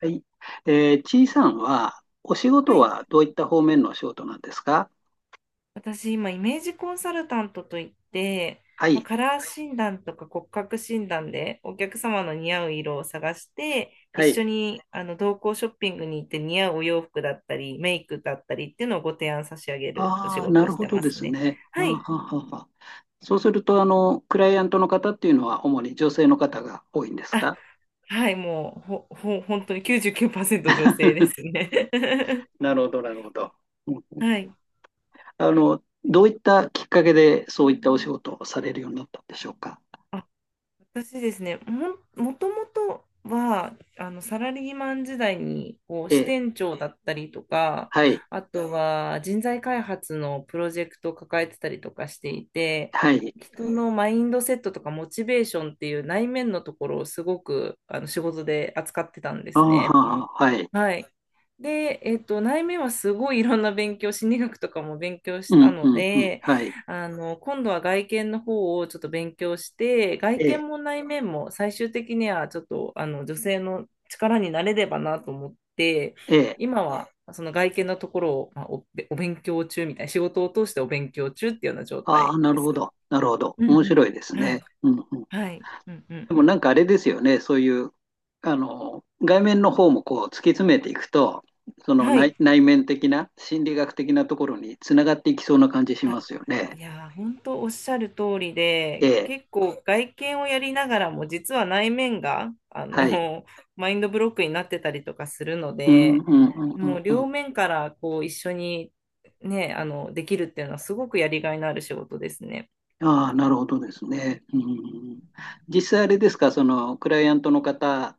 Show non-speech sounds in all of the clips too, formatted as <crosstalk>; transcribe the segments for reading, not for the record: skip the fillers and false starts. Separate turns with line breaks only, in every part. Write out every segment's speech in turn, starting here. はい。ちいさんは、お仕
は
事
い。
はどういった方面のお仕事なんですか？
私、今、イメージコンサルタントといって、
は
まあ、
い。
カラー診断とか骨格診断でお客様の似合う色を探して、一
はい。
緒に同行ショッピングに行って似合うお洋服だったり、メイクだったりっていうのをご提案差し上げるお仕
ああ、な
事を
る
し
ほ
て
ど
ま
で
す
す
ね。
ね。あー
は
は
い。
はは。そうすると、クライアントの方っていうのは、主に女性の方が多いんです
あ、
か？
はい。もう、本当に99%女性です
<laughs>
ね。
なるほど、なるほど。う
<laughs>
ん。
はい。
どういったきっかけで、そういったお仕事をされるようになったんでしょうか？
あ、私ですね、もともとは、サラリーマン時代に、こう、
え
支
え、
店長だったりとか、
はい、
あとは人材開発のプロジェクトを抱えてたりとかしていて、
はい。
人のマインドセットとかモチベーションっていう内面のところをすごく、仕事で扱ってたんで
あー
す
は
ね。
は、はい。
はい。で、内面はすごいいろんな勉強、心理学とかも勉強
う
した
ん、
の
うん、うん、
で、
はい。
今度は外見の方をちょっと勉強して、外
ええ、
見も内面も最終的にはちょっと、女性の力になれればなと思って、
ええ。
今はその外見のところを、まあ、お勉強中みたいな、仕事を通してお勉強中っていうような状
ああ、
態
な
で
るほ
す。
ど。なるほど。
うん
面
う
白いです
ん。はい。
ね。うんうん。
はい。うんうん
で
う
も
ん。
なんかあれですよね。そういう、外面の方もこう突き詰めていくと、その
はい。
内、内面的な心理学的なところにつながっていきそうな感じしますよね。
いやー、本当おっしゃる通り
え
で、
え。
結構外見をやりながらも、実は内面が、
はい。
<laughs> マインドブロックになってたりとかするの
うんう
で、
んうんう
も
ん
う
う
両
ん。
面からこう一緒にね、できるっていうのはすごくやりがいのある仕事ですね。
ああ、なるほどですね。うん、実際あれですか、そのクライアントの方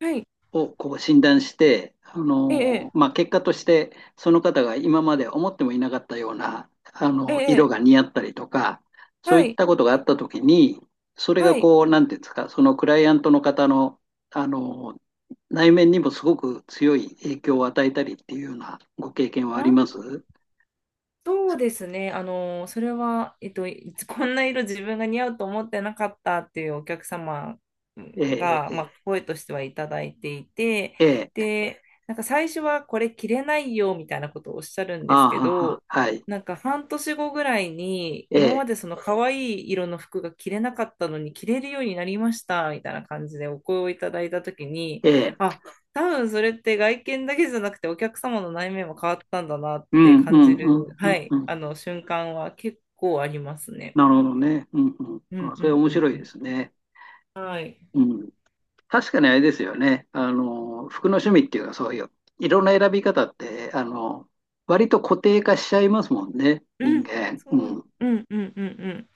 はい。
をこう診断して、
ええ、
まあ、結果としてその方が今まで思ってもいなかったような、あ
え
の色
え、
が似合ったりとか、そうい
は
っ
い、
たことがあったときに、それ
は
が
い、はい。
こう、なんていうんですか、そのクライアントの方の、あのー内面にもすごく強い影響を与えたりっていうようなご経験はありま
あ、
す？
そうですね。それは、<laughs> こんな色自分が似合うと思ってなかったっていうお客様
え
が、ま
え、
あ、声としてはいただいていて、
ええ、
で、なんか最初はこれ着れないよみたいなことをおっしゃるん
あ
です
あ、
け
はは、
ど、
はい、
なんか半年後ぐらいに、
え
今
え、
までその可愛い色の服が着れなかったのに着れるようになりましたみたいな感じでお声をいただいたときに、
ええ、
あ、多分それって外見だけじゃなくてお客様の内面も変わったんだなっ
う
て
ん、う
感
ん、
じる、
うん、う
は
ん、
い、
うん。
あの瞬間は結構ありますね。
なるほどね。うん、
う
うん。
ん
あそ
う
れ
ん
面
うん
白
う
いで
ん。
すね。
はい。
うん。確かにあれですよね。服の趣味っていうか、そういう色の選び方って、割と固定化しちゃいますもんね、
う
人
ん。
間。
そ
う
う。
ん。
うんうんうんうん。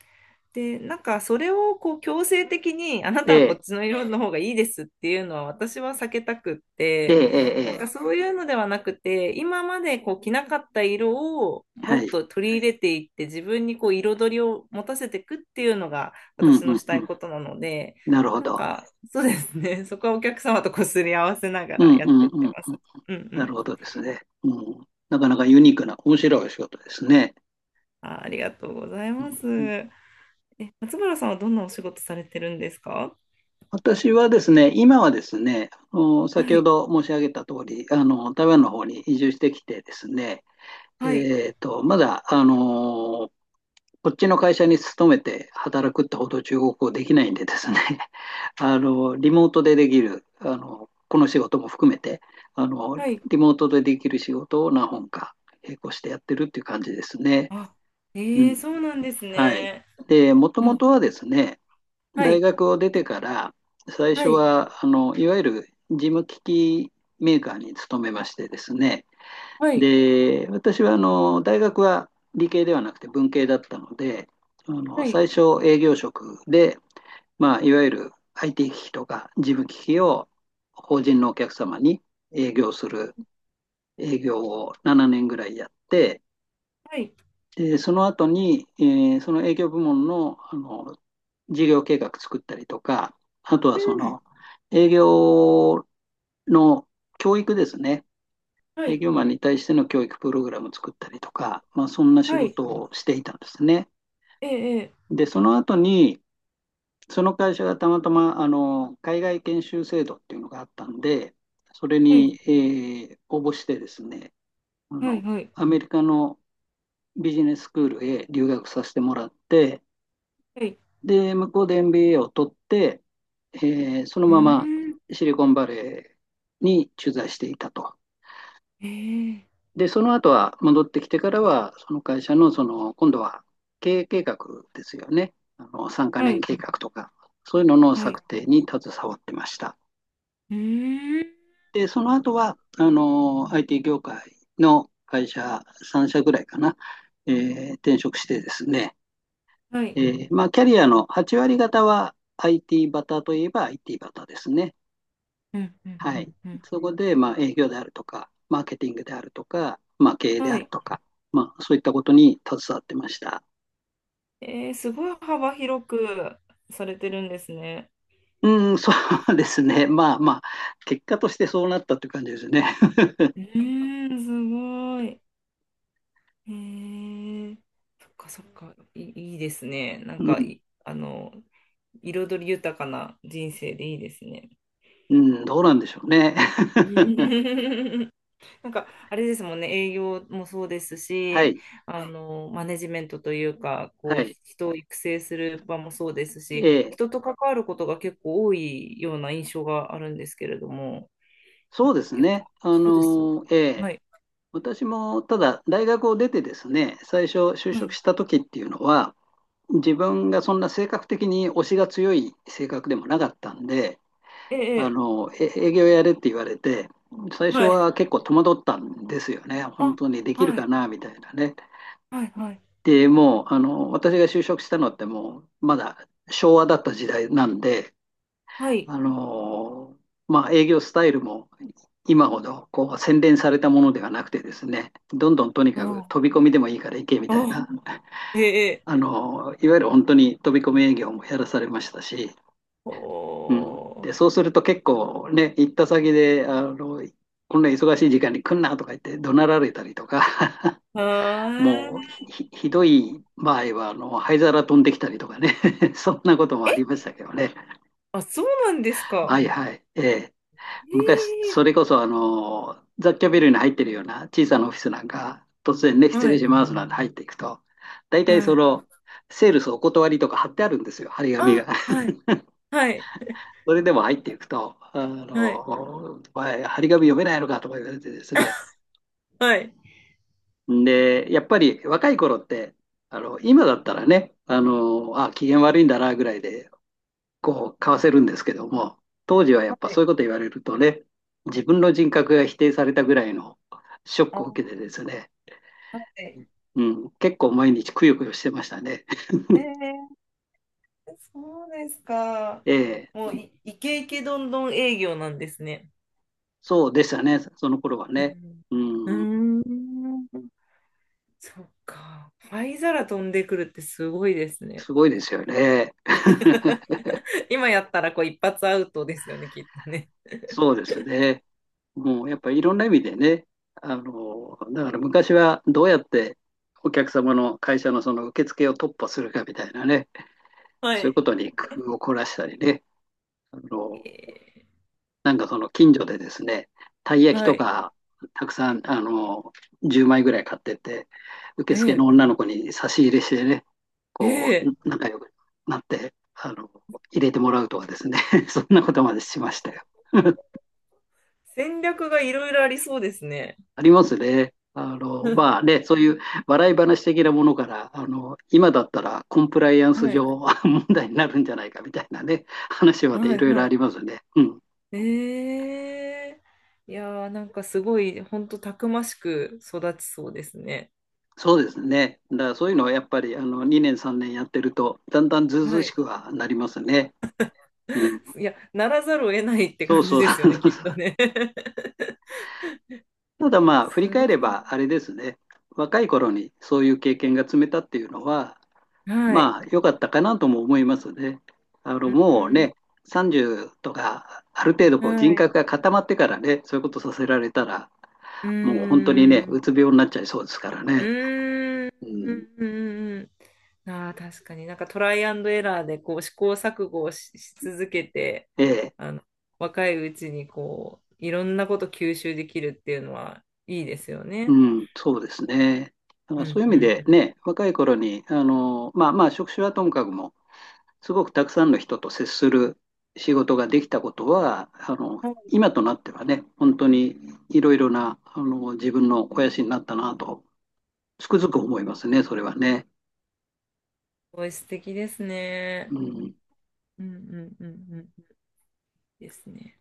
で、なんかそれをこう強制的にあな
え
たはこっ
え、
ちの色の方がいいですっていうのは私は避けたくっ
ええ、
て、
ええ、
なん
え
か
え。
そういうのではなくて、今までこう着なかった色をも
は
っ
い。
と取り入れていって自分にこう彩りを持たせていくっていうのが
うん、
私
う
のし
ん、
た
う
い
ん。
ことなので、
なるほ
なん
ど。
かそうですね、<laughs> そこはお客様とこすり合わせなが
う
ら
ん、
やっ
う
て
ん、
いっ
うん、う
て
ん。
ます。うんう
なる
ん。
ほどですね。うん。なかなかユニークな、面白いお仕事ですね。
あ、ありがとうござい
う
ま
ん
す。
うん。
松原さんはどんなお仕事されてるんですか？
私はですね、今はですね、あの先
は
ほ
い。
ど申し上げた通り、あの台湾の方に移住してきてですね、
はい。
えーと、まだあのこっちの会社に勤めて働くってほど中国語できないんでですね、<laughs> リモートでできる、この仕事も含めて、あの、
はい。
リモートでできる仕事を何本か並行してやってるっていう感じですね。
あ、
う
え
ん。
え、そうなんです
はい。
ね。
で、もと
う
も
ん。
とはですね、
は
大
い。
学を出てから、最
は
初
い。
は、いわゆる事務機器メーカーに勤めましてですね、
はい。
で、私はあの大学は理系ではなくて文系だったので、あの
はい。
最初営業職で、まあ、いわゆる IT 機器とか事務機器を法人のお客様に営業する営業を7年ぐらいやって、
はい。
でその後に、その営業部門の、あの事業計画作ったりとか、あとはそ
うん。
の営業の教育ですね。
は
営
い。
業マンに対しての教育プログラムを作ったりとか、まあ、そんな仕
はい。
事をしていたんですね。
ええええ
で、その後に、その会社がたまたまあの海外研修制度っていうのがあったんで、それ
はい。
に、応募してですね、あ
は
の、
い。はい。
アメリカのビジネススクールへ留学させてもらって、
はい。
で、向こうで MBA を取って、その
う
まま
ーん。
シリコンバレーに駐在していたと。
ええ
で、その後は戻ってきてからは、その会社の、その、今度は経営計画ですよね。3カ
は
年
い。
計画とか、そういうのの
は
策
い。
定に携わってました。
うーん。
で、その後は、IT 業界の会社3社ぐらいかな、転職してですね、
はい。
まあ、キャリアの8割方は IT バターといえば IT バターですね。
うん。うん。
は
う
い。
ん。うん
そこで、まあ、営業であるとか、マーケティングであるとか、まあ、経営で
は
ある
い。
とか、まあ、そういったことに携わってました。
ええ、すごい幅広くされてるんですね。
うん、そうですね。<laughs> まあまあ、結果としてそうなったという感じですね。
う
<laughs>
ーん、すごい。ええ、そっかそっか。いい、いいですね。なん
う
か
ん、
い、あの、彩り豊かな人生でいいですね。
うん、どうなんでしょうね。<laughs>
<laughs> なんか、あれですもんね、営業もそうです
は
し、
い、
マネジメントというか、
は
こう、
い。
人を育成する場もそうです
え
し、
え、
人と関わることが結構多いような印象があるんですけれども、
そうです
やっ
ね。
ぱ、そうです。
え、
はい。
私もただ大学を出てですね、最初就
は
職
い
した時っていうのは、自分がそんな性格的に推しが強い性格でもなかったんで、
ええ、ええ
営業やれって言われて、最初
はい。
は結構戸惑ったんですよね。本
あ、
当にできる
は
か
い、
なみたいなね。
はい、はい、
で、もう、私が就職したのってもう、まだ昭和だった時代なんで、
はい。
あの、まあ、営業スタイルも今ほどこう洗練されたものではなくてですね、どんどんとにかく
あ、
飛び込みでもいいから行けみたい
あ、
な、
ええ、ええ
いわゆる本当に飛び込み営業もやらされましたし、
お
うん。で、
ー、
そうすると結構ね、行った先で、こんな忙しい時間に来んなとか言って怒鳴られたりとか、
は
<laughs> も
ー
うひどい場合は、灰皿飛んできたりとかね、<laughs> そんなこともあり
い。
ましたけどね。
あ、そうなんです
は
か。
いはい。ええ。
え
昔、
え
それこそ、雑居ビルに入ってるような小さなオフィスなんか、突然ね、失
は
礼
い、
しますなんて入っていくと、大体
は
そ
い。
の、セールスお断りとか貼ってあるんですよ、貼り紙
あ、
が。
はい、はい、
それでも入っていくと、
はい、
お前、張り紙読めないのかとか言われてですね。
<laughs> はい。
で、やっぱり若い頃って、今だったらね、あ、機嫌悪いんだなぐらいで、こう、かわせるんですけども、当時はや
は
っぱ
い、
そういうこと言われるとね、自分の人格が否定されたぐらいのショッ
あ、
クを
は
受けてですね、
い。
うん、結構毎日くよくよしてましたね。<laughs>
えー、そうですか。
ええ、
もうイケイケどんどん営業なんですね。
そうでしたね、その頃は
う
ね。
ん。
う
う
ん、
ーん。そっか。灰皿飛んでくるってすごいですね。
すごいですよね。<laughs>
<laughs> 今やったらこう一発アウトですよね、きっとね。
そうですね。もうやっぱりいろんな意味でね、だから昔はどうやってお客様の会社のその受付を突破するかみたいなね、
は
そういうこ
い。
とに工夫を凝らしたりね、あの、
え
なんかその近所でですね、たい
ー
焼き
は
と
い。
かたくさん、10枚ぐらい買ってって、受付の
ええ
女の子に差し入れしてね、こ
ええ、
う、仲良くなって、入れてもらうとかですね、<laughs> そんなことまでしましたよ。
戦略がいろいろありそうですね。
ありますね。ま
<laughs>
あね、そういう笑い話的なものから、今だったらコンプライアンス
はい、
上 <laughs> 問題になるんじゃないかみたいなね、話までい
はい、
ろいろあ
は
りますね。うん。
い。ええ、いやー、なんかすごい、ほんとたくましく育ちそうですね。
そうですね。だからそういうのはやっぱり、2年3年やってると、だんだんずうずう
は
し
い。
くはなりますね。うん。
いや、ならざるを得ないって
そう
感じ
そう。
ですよね、きっと
<laughs>
ね。<laughs>
ただまあ、振り
す
返
ご
れ
い。
ば、あれですね。若い頃にそういう経験が積めたっていうのは、
はい。
まあ、良かったかなとも思いますね。
う
もう
ん。
ね、30とか、ある程度こう人
はい。
格が固まってからね、そういうことさせられたら、もう
う
本当にね、う
ん。
つ病になっちゃいそうですから
う
ね。
ん。
う
う
ん、
ん。うん、ああ、確かになんかトライアンドエラーでこう試行錯誤をし続けて、
ええ、
あの、若いうちにこう、いろんなこと吸収できるっていうのはいいですよね。
うん、そうですね。だか
う
らそ
ん
ういう意
う
味
んう
で
ん。す
ね、若い頃に、まあまあ、職種はともかくも、すごくたくさんの人と接する仕事ができたことは、今となってはね、本当にいろいろな、自分の肥やしになったなとつくづく思いますね、それはね。
ごい素敵ですね。
うん。
うんうんうんうん。いいですね。